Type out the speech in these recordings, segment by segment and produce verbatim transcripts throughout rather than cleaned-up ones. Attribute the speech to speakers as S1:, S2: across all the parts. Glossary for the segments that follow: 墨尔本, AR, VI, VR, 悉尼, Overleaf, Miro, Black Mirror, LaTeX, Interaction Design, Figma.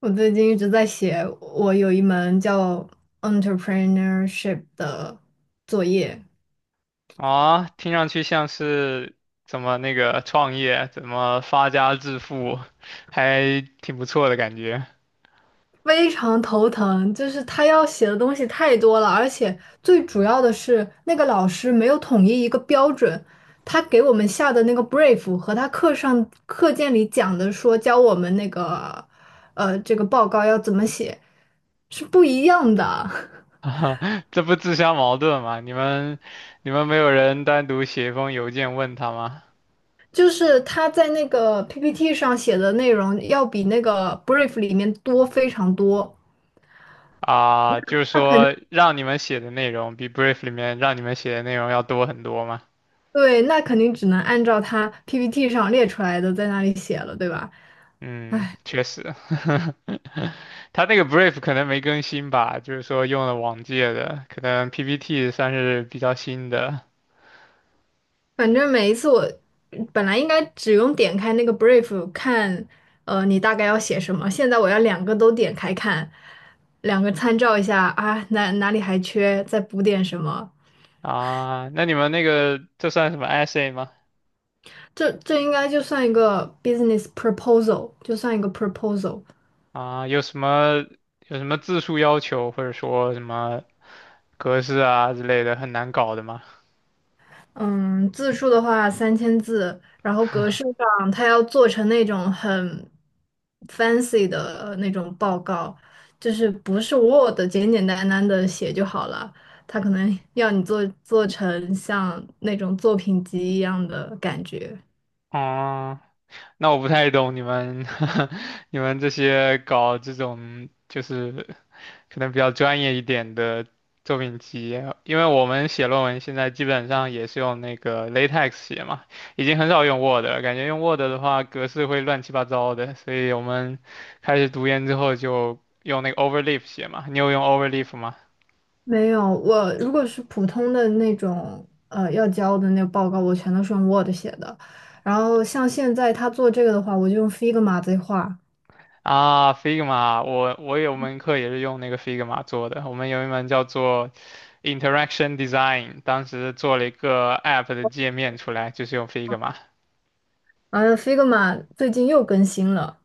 S1: 我最近一直在写，我有一门叫 entrepreneurship 的作业，
S2: 啊，听上去像是怎么那个创业，怎么发家致富，还挺不错的感觉。
S1: 非常头疼，就是他要写的东西太多了，而且最主要的是那个老师没有统一一个标准，他给我们下的那个 brief 和他课上课件里讲的说教我们那个呃这个报告要怎么写是不一样的。
S2: 啊，这不自相矛盾吗？你们你们没有人单独写一封邮件问他吗？
S1: 就是他在那个 P P T 上写的内容要比那个 brief 里面多非常多，
S2: 啊，就是
S1: 他肯定
S2: 说让你们写的内容比 brief 里面让你们写的内容要多很多吗？
S1: 对，那肯定只能按照他 P P T 上列出来的在那里写了，对吧？
S2: 嗯，确实，他那个 brief 可能没更新吧，就是说用了往届的，可能 P P T 算是比较新的。
S1: 反正每一次我本来应该只用点开那个 brief 看，呃，你大概要写什么，现在我要两个都点开看，两个参照一下啊，哪哪里还缺，再补点什么。
S2: 啊，那你们那个这算什么 essay 吗？
S1: 这这应该就算一个 business proposal，就算一个 proposal。
S2: 啊，有什么有什么字数要求，或者说什么格式啊之类的，很难搞的吗？
S1: 嗯，字数的话三千字，然后格式上它要做成那种很 fancy 的那种报告，就是不是 Word 简简单单的写就好了，它可能 要你做做成像那种作品集一样的感觉。
S2: 哦，那我不太懂你们 你们这些搞这种就是可能比较专业一点的作品集，因为我们写论文现在基本上也是用那个 LaTeX 写嘛，已经很少用 Word 了，感觉用 Word 的话格式会乱七八糟的，所以我们开始读研之后就用那个 Overleaf 写嘛。你有用 Overleaf 吗？
S1: 没有，我如果是普通的那种呃要交的那个报告，我全都是用 Word 写的，然后像现在他做这个的话，我就用 Figma 在画。
S2: 啊，Figma,我我有门课也是用那个 Figma 做的，我们有一门叫做 Interaction Design,当时做了一个 App 的界面出来，就是用 Figma。
S1: 哎 f i g m a 最近又更新了，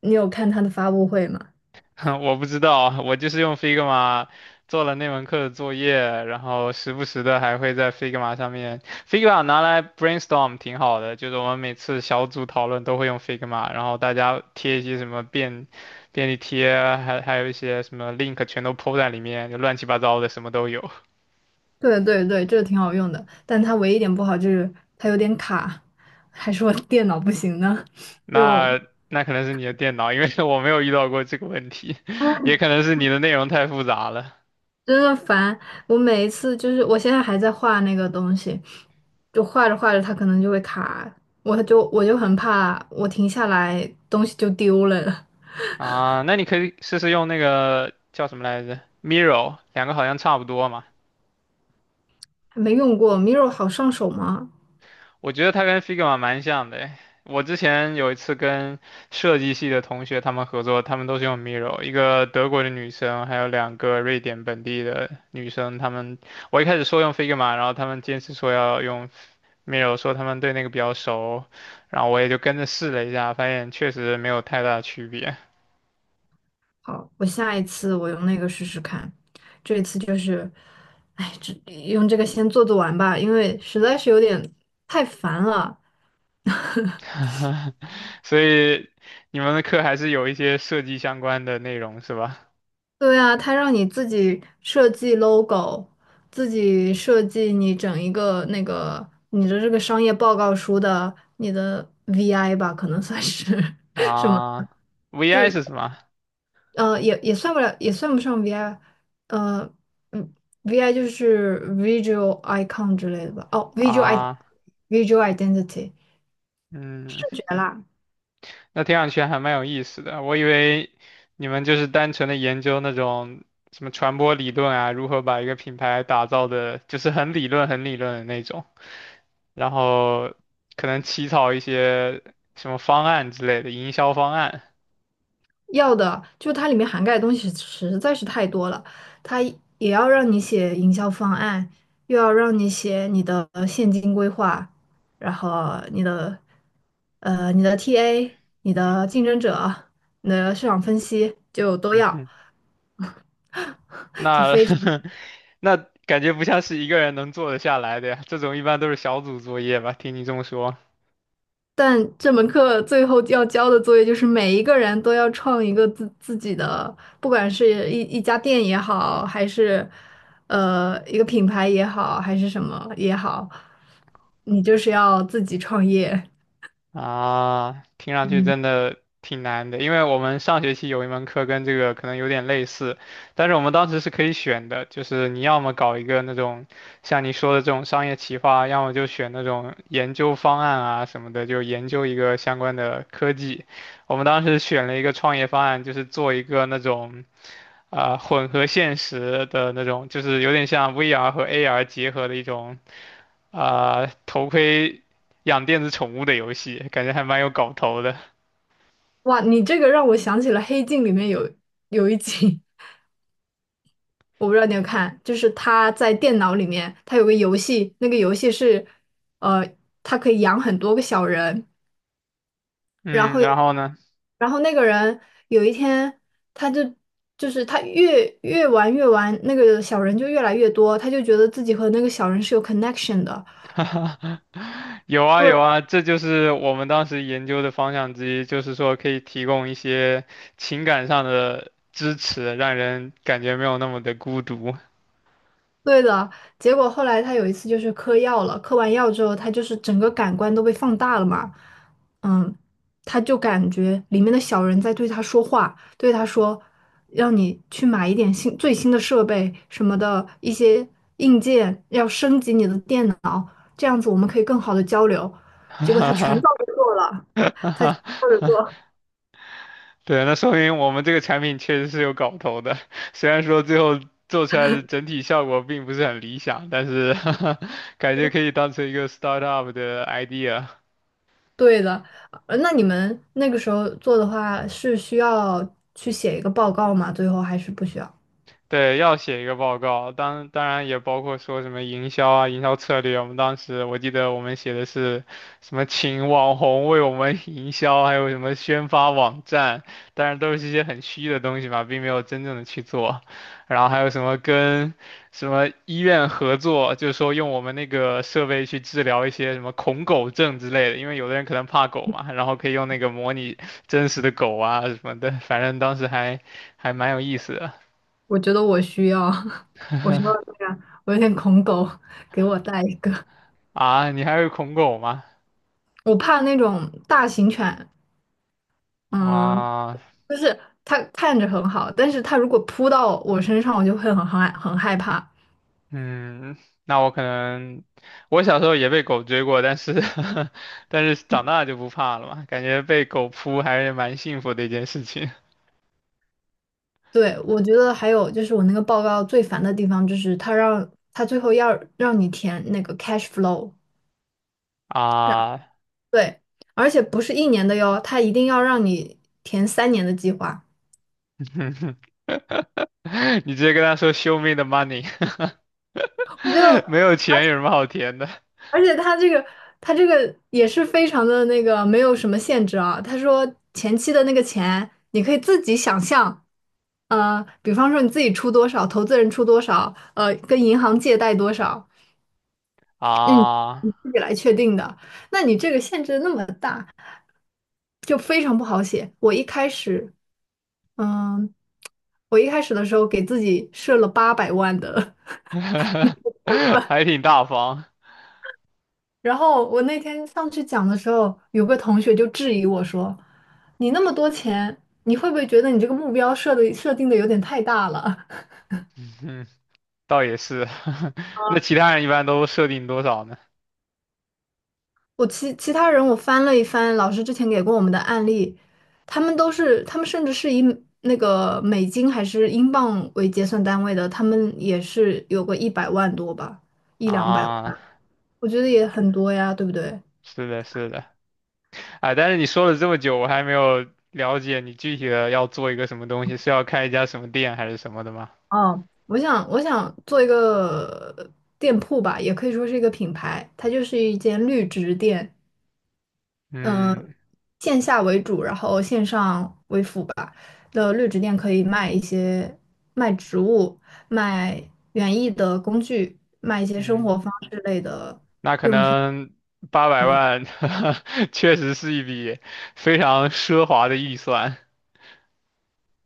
S1: 你有看它的发布会吗？
S2: 我不知道，我就是用 Figma 做了那门课的作业，然后时不时的还会在 Figma 上面，Figma 拿来 brainstorm 挺好的，就是我们每次小组讨论都会用 Figma,然后大家贴一些什么便便利贴，还还有一些什么 link 全都 po 在里面，就乱七八糟的什么都有。
S1: 对对对，这个挺好用的，但它唯一一点不好就是它有点卡，还是我电脑不行呢，就
S2: 那那可能是你的电脑，因为 我没有遇到过这个问题，也
S1: 唉
S2: 可能是你的内容太复杂了。
S1: 真的烦。我每一次就是我现在还在画那个东西，就画着画着它可能就会卡，我就我就很怕我停下来东西就丢了。
S2: 啊，那你可以试试用那个叫什么来着，Miro,两个好像差不多嘛。
S1: 还没用过 Miro 好上手吗？
S2: 我觉得它跟 Figma 蛮像的诶。我之前有一次跟设计系的同学他们合作，他们都是用 Miro,一个德国的女生，还有两个瑞典本地的女生。他们我一开始说用 Figma,然后他们坚持说要用 Miro,说他们对那个比较熟，然后我也就跟着试了一下，发现确实没有太大的区别。
S1: 好，我下一次我用那个试试看。这一次就是，哎，这用这个先做做完吧，因为实在是有点太烦了。
S2: 所以你们的课还是有一些设计相关的内容是吧？
S1: 对啊，他让你自己设计 logo，自己设计你整一个那个你的这个商业报告书的你的 V I 吧，可能算是，
S2: 啊 ，V I
S1: 就
S2: 是什么？
S1: 呃，也也算不了，也算不上 V I，呃，嗯，V I 就是 visual icon 之类的吧？哦，visual i
S2: 啊，
S1: visual identity
S2: 嗯，
S1: 视觉啦，
S2: 那听上去还蛮有意思的。我以为你们就是单纯的研究那种什么传播理论啊，如何把一个品牌打造的，就是很理论、很理论的那种，然后可能起草一些什么方案之类的营销方案。
S1: 要的就它里面涵盖的东西实在是太多了，它也要让你写营销方案，又要让你写你的现金规划，然后你的呃你的 T A、你的竞争者、你的市场分析就都要。就
S2: 那
S1: 非
S2: 那感觉不像是一个人能做得下来的呀，这种一般都是小组作业吧？听你这么说
S1: 但这门课最后要交的作业就是每一个人都要创一个自自己的，不管是一一家店也好，还是呃一个品牌也好，还是什么也好，你就是要自己创业。
S2: 啊，听上去
S1: 嗯，
S2: 真的挺难的，因为我们上学期有一门课跟这个可能有点类似，但是我们当时是可以选的，就是你要么搞一个那种像你说的这种商业企划，要么就选那种研究方案啊什么的，就研究一个相关的科技。我们当时选了一个创业方案，就是做一个那种。啊、混合现实的那种，就是有点像 V R 和 A R 结合的一种啊、头盔养电子宠物的游戏，感觉还蛮有搞头的。
S1: 哇，你这个让我想起了《黑镜》里面有有一集，我不知道你有看，就是他在电脑里面，他有个游戏，那个游戏是呃，他可以养很多个小人。然
S2: 嗯，
S1: 后
S2: 然
S1: 有，
S2: 后呢？
S1: 然后那个人有一天，他就就是他越越玩越玩，那个小人就越来越多，他就觉得自己和那个小人是有 connection 的。
S2: 有啊有
S1: 对
S2: 啊，这就是我们当时研究的方向之一，就是说可以提供一些情感上的支持，让人感觉没有那么的孤独。
S1: 对的，结果后来他有一次就是嗑药了，嗑完药之后，他就是整个感官都被放大了嘛，嗯，他就感觉里面的小人在对他说话，对他说，让你去买一点新最新的设备什么的一些硬件，要升级你的电脑。这样子我们可以更好的交流。结果他全照着 做了，照着做。
S2: 对，那说明我们这个产品确实是有搞头的，虽然说最后做出来的整体效果并不是很理想，但是 感觉可以当成一个 startup 的 idea。
S1: 对的，呃那你们那个时候做的话是需要去写一个报告吗？最后还是不需要？
S2: 对，要写一个报告，当当然也包括说什么营销啊、营销策略。我们当时我记得我们写的是什么，请网红为我们 营销，还有什么宣发网站，当然都是一些很虚的东西嘛，并没有真正的去做。然后还有什么跟什么医院合作，就是说用我们那个设备去治疗一些什么恐狗症之类的，因为有的人可能怕狗嘛，然后可以用那个模拟真实的狗啊什么的，反正当时还还蛮有意思的。
S1: 我觉得我需要，我需要这样，我有点恐狗，给我带一个。
S2: 啊，你还会恐狗吗？
S1: 我怕那种大型犬，嗯，
S2: 啊，
S1: 就是它看着很好，但是它如果扑到我身上，我就会很害很害怕。
S2: 嗯，那我可能，我小时候也被狗追过，但是 但是长大就不怕了嘛，感觉被狗扑还是蛮幸福的一件事情
S1: 对，我觉得还有就是我那个报告最烦的地方，就是他让他最后要让你填那个 cash flow，让
S2: 啊。
S1: 对，而且不是一年的哟，他一定要让你填三年的计划。
S2: 你直接跟他说 "Show me the money",
S1: 我就
S2: 没有钱有什么好填的
S1: 而且他这个他这个也是非常的那个没有什么限制啊。他说前期的那个钱你可以自己想象，呃，比方说你自己出多少，投资人出多少，呃，跟银行借贷多少，嗯，
S2: 啊？
S1: 你自己来确定的。那你这个限制那么大。就非常不好写。我一开始，嗯，我一开始的时候给自己设了八百万的，
S2: 还挺大方，
S1: 然后我那天上去讲的时候，有个同学就质疑我说：“你那么多钱，你会不会觉得你这个目标设的设定的有点太大了？”
S2: 嗯，倒也是。那其他人一般都设定多少呢？
S1: 我其其他人我翻了一翻老师之前给过我们的案例，他们都是他们甚至是以那个美金还是英镑为结算单位的，他们也是有个一百万多吧，一两百。
S2: 啊，
S1: 我觉得也很多呀，对不对？
S2: 是的，是的。哎，但是你说了这么久，我还没有了解你具体的要做一个什么东西，是要开一家什么店还是什么的吗？
S1: 哦，我想我想做一个呃店铺吧，也可以说是一个品牌，它就是一间绿植店，嗯、
S2: 嗯
S1: 线下为主，然后线上为辅吧。的绿植店可以卖一些卖植物、卖园艺的工具、卖一些生
S2: 嗯，
S1: 活方式类的。
S2: 那可能八百
S1: 嗯。
S2: 万 确实是一笔非常奢华的预算。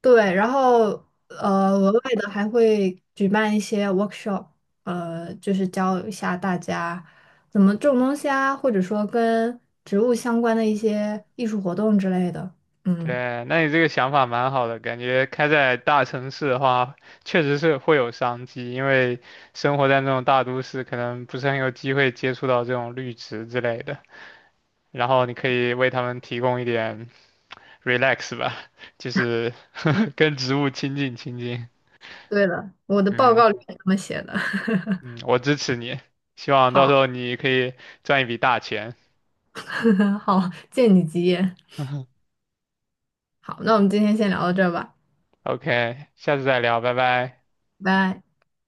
S1: 对，然后呃，额外的还会举办一些 workshop，呃，就是教一下大家怎么种东西啊，或者说跟植物相关的一些艺术活动之类的。嗯，
S2: 对，那你这个想法蛮好的，感觉开在大城市的话，确实是会有商机，因为生活在那种大都市，可能不是很有机会接触到这种绿植之类的。然后你可以为他们提供一点 relax 吧，就是 跟植物亲近亲近。
S1: 对了，我的报
S2: 嗯
S1: 告里面这么写的。
S2: 嗯，我支持你，希望到时
S1: 好，
S2: 候你可以赚一笔大钱。
S1: 好，借你吉言。好，那我们今天先聊到这儿吧，
S2: OK,下次再聊，拜拜。
S1: 拜拜。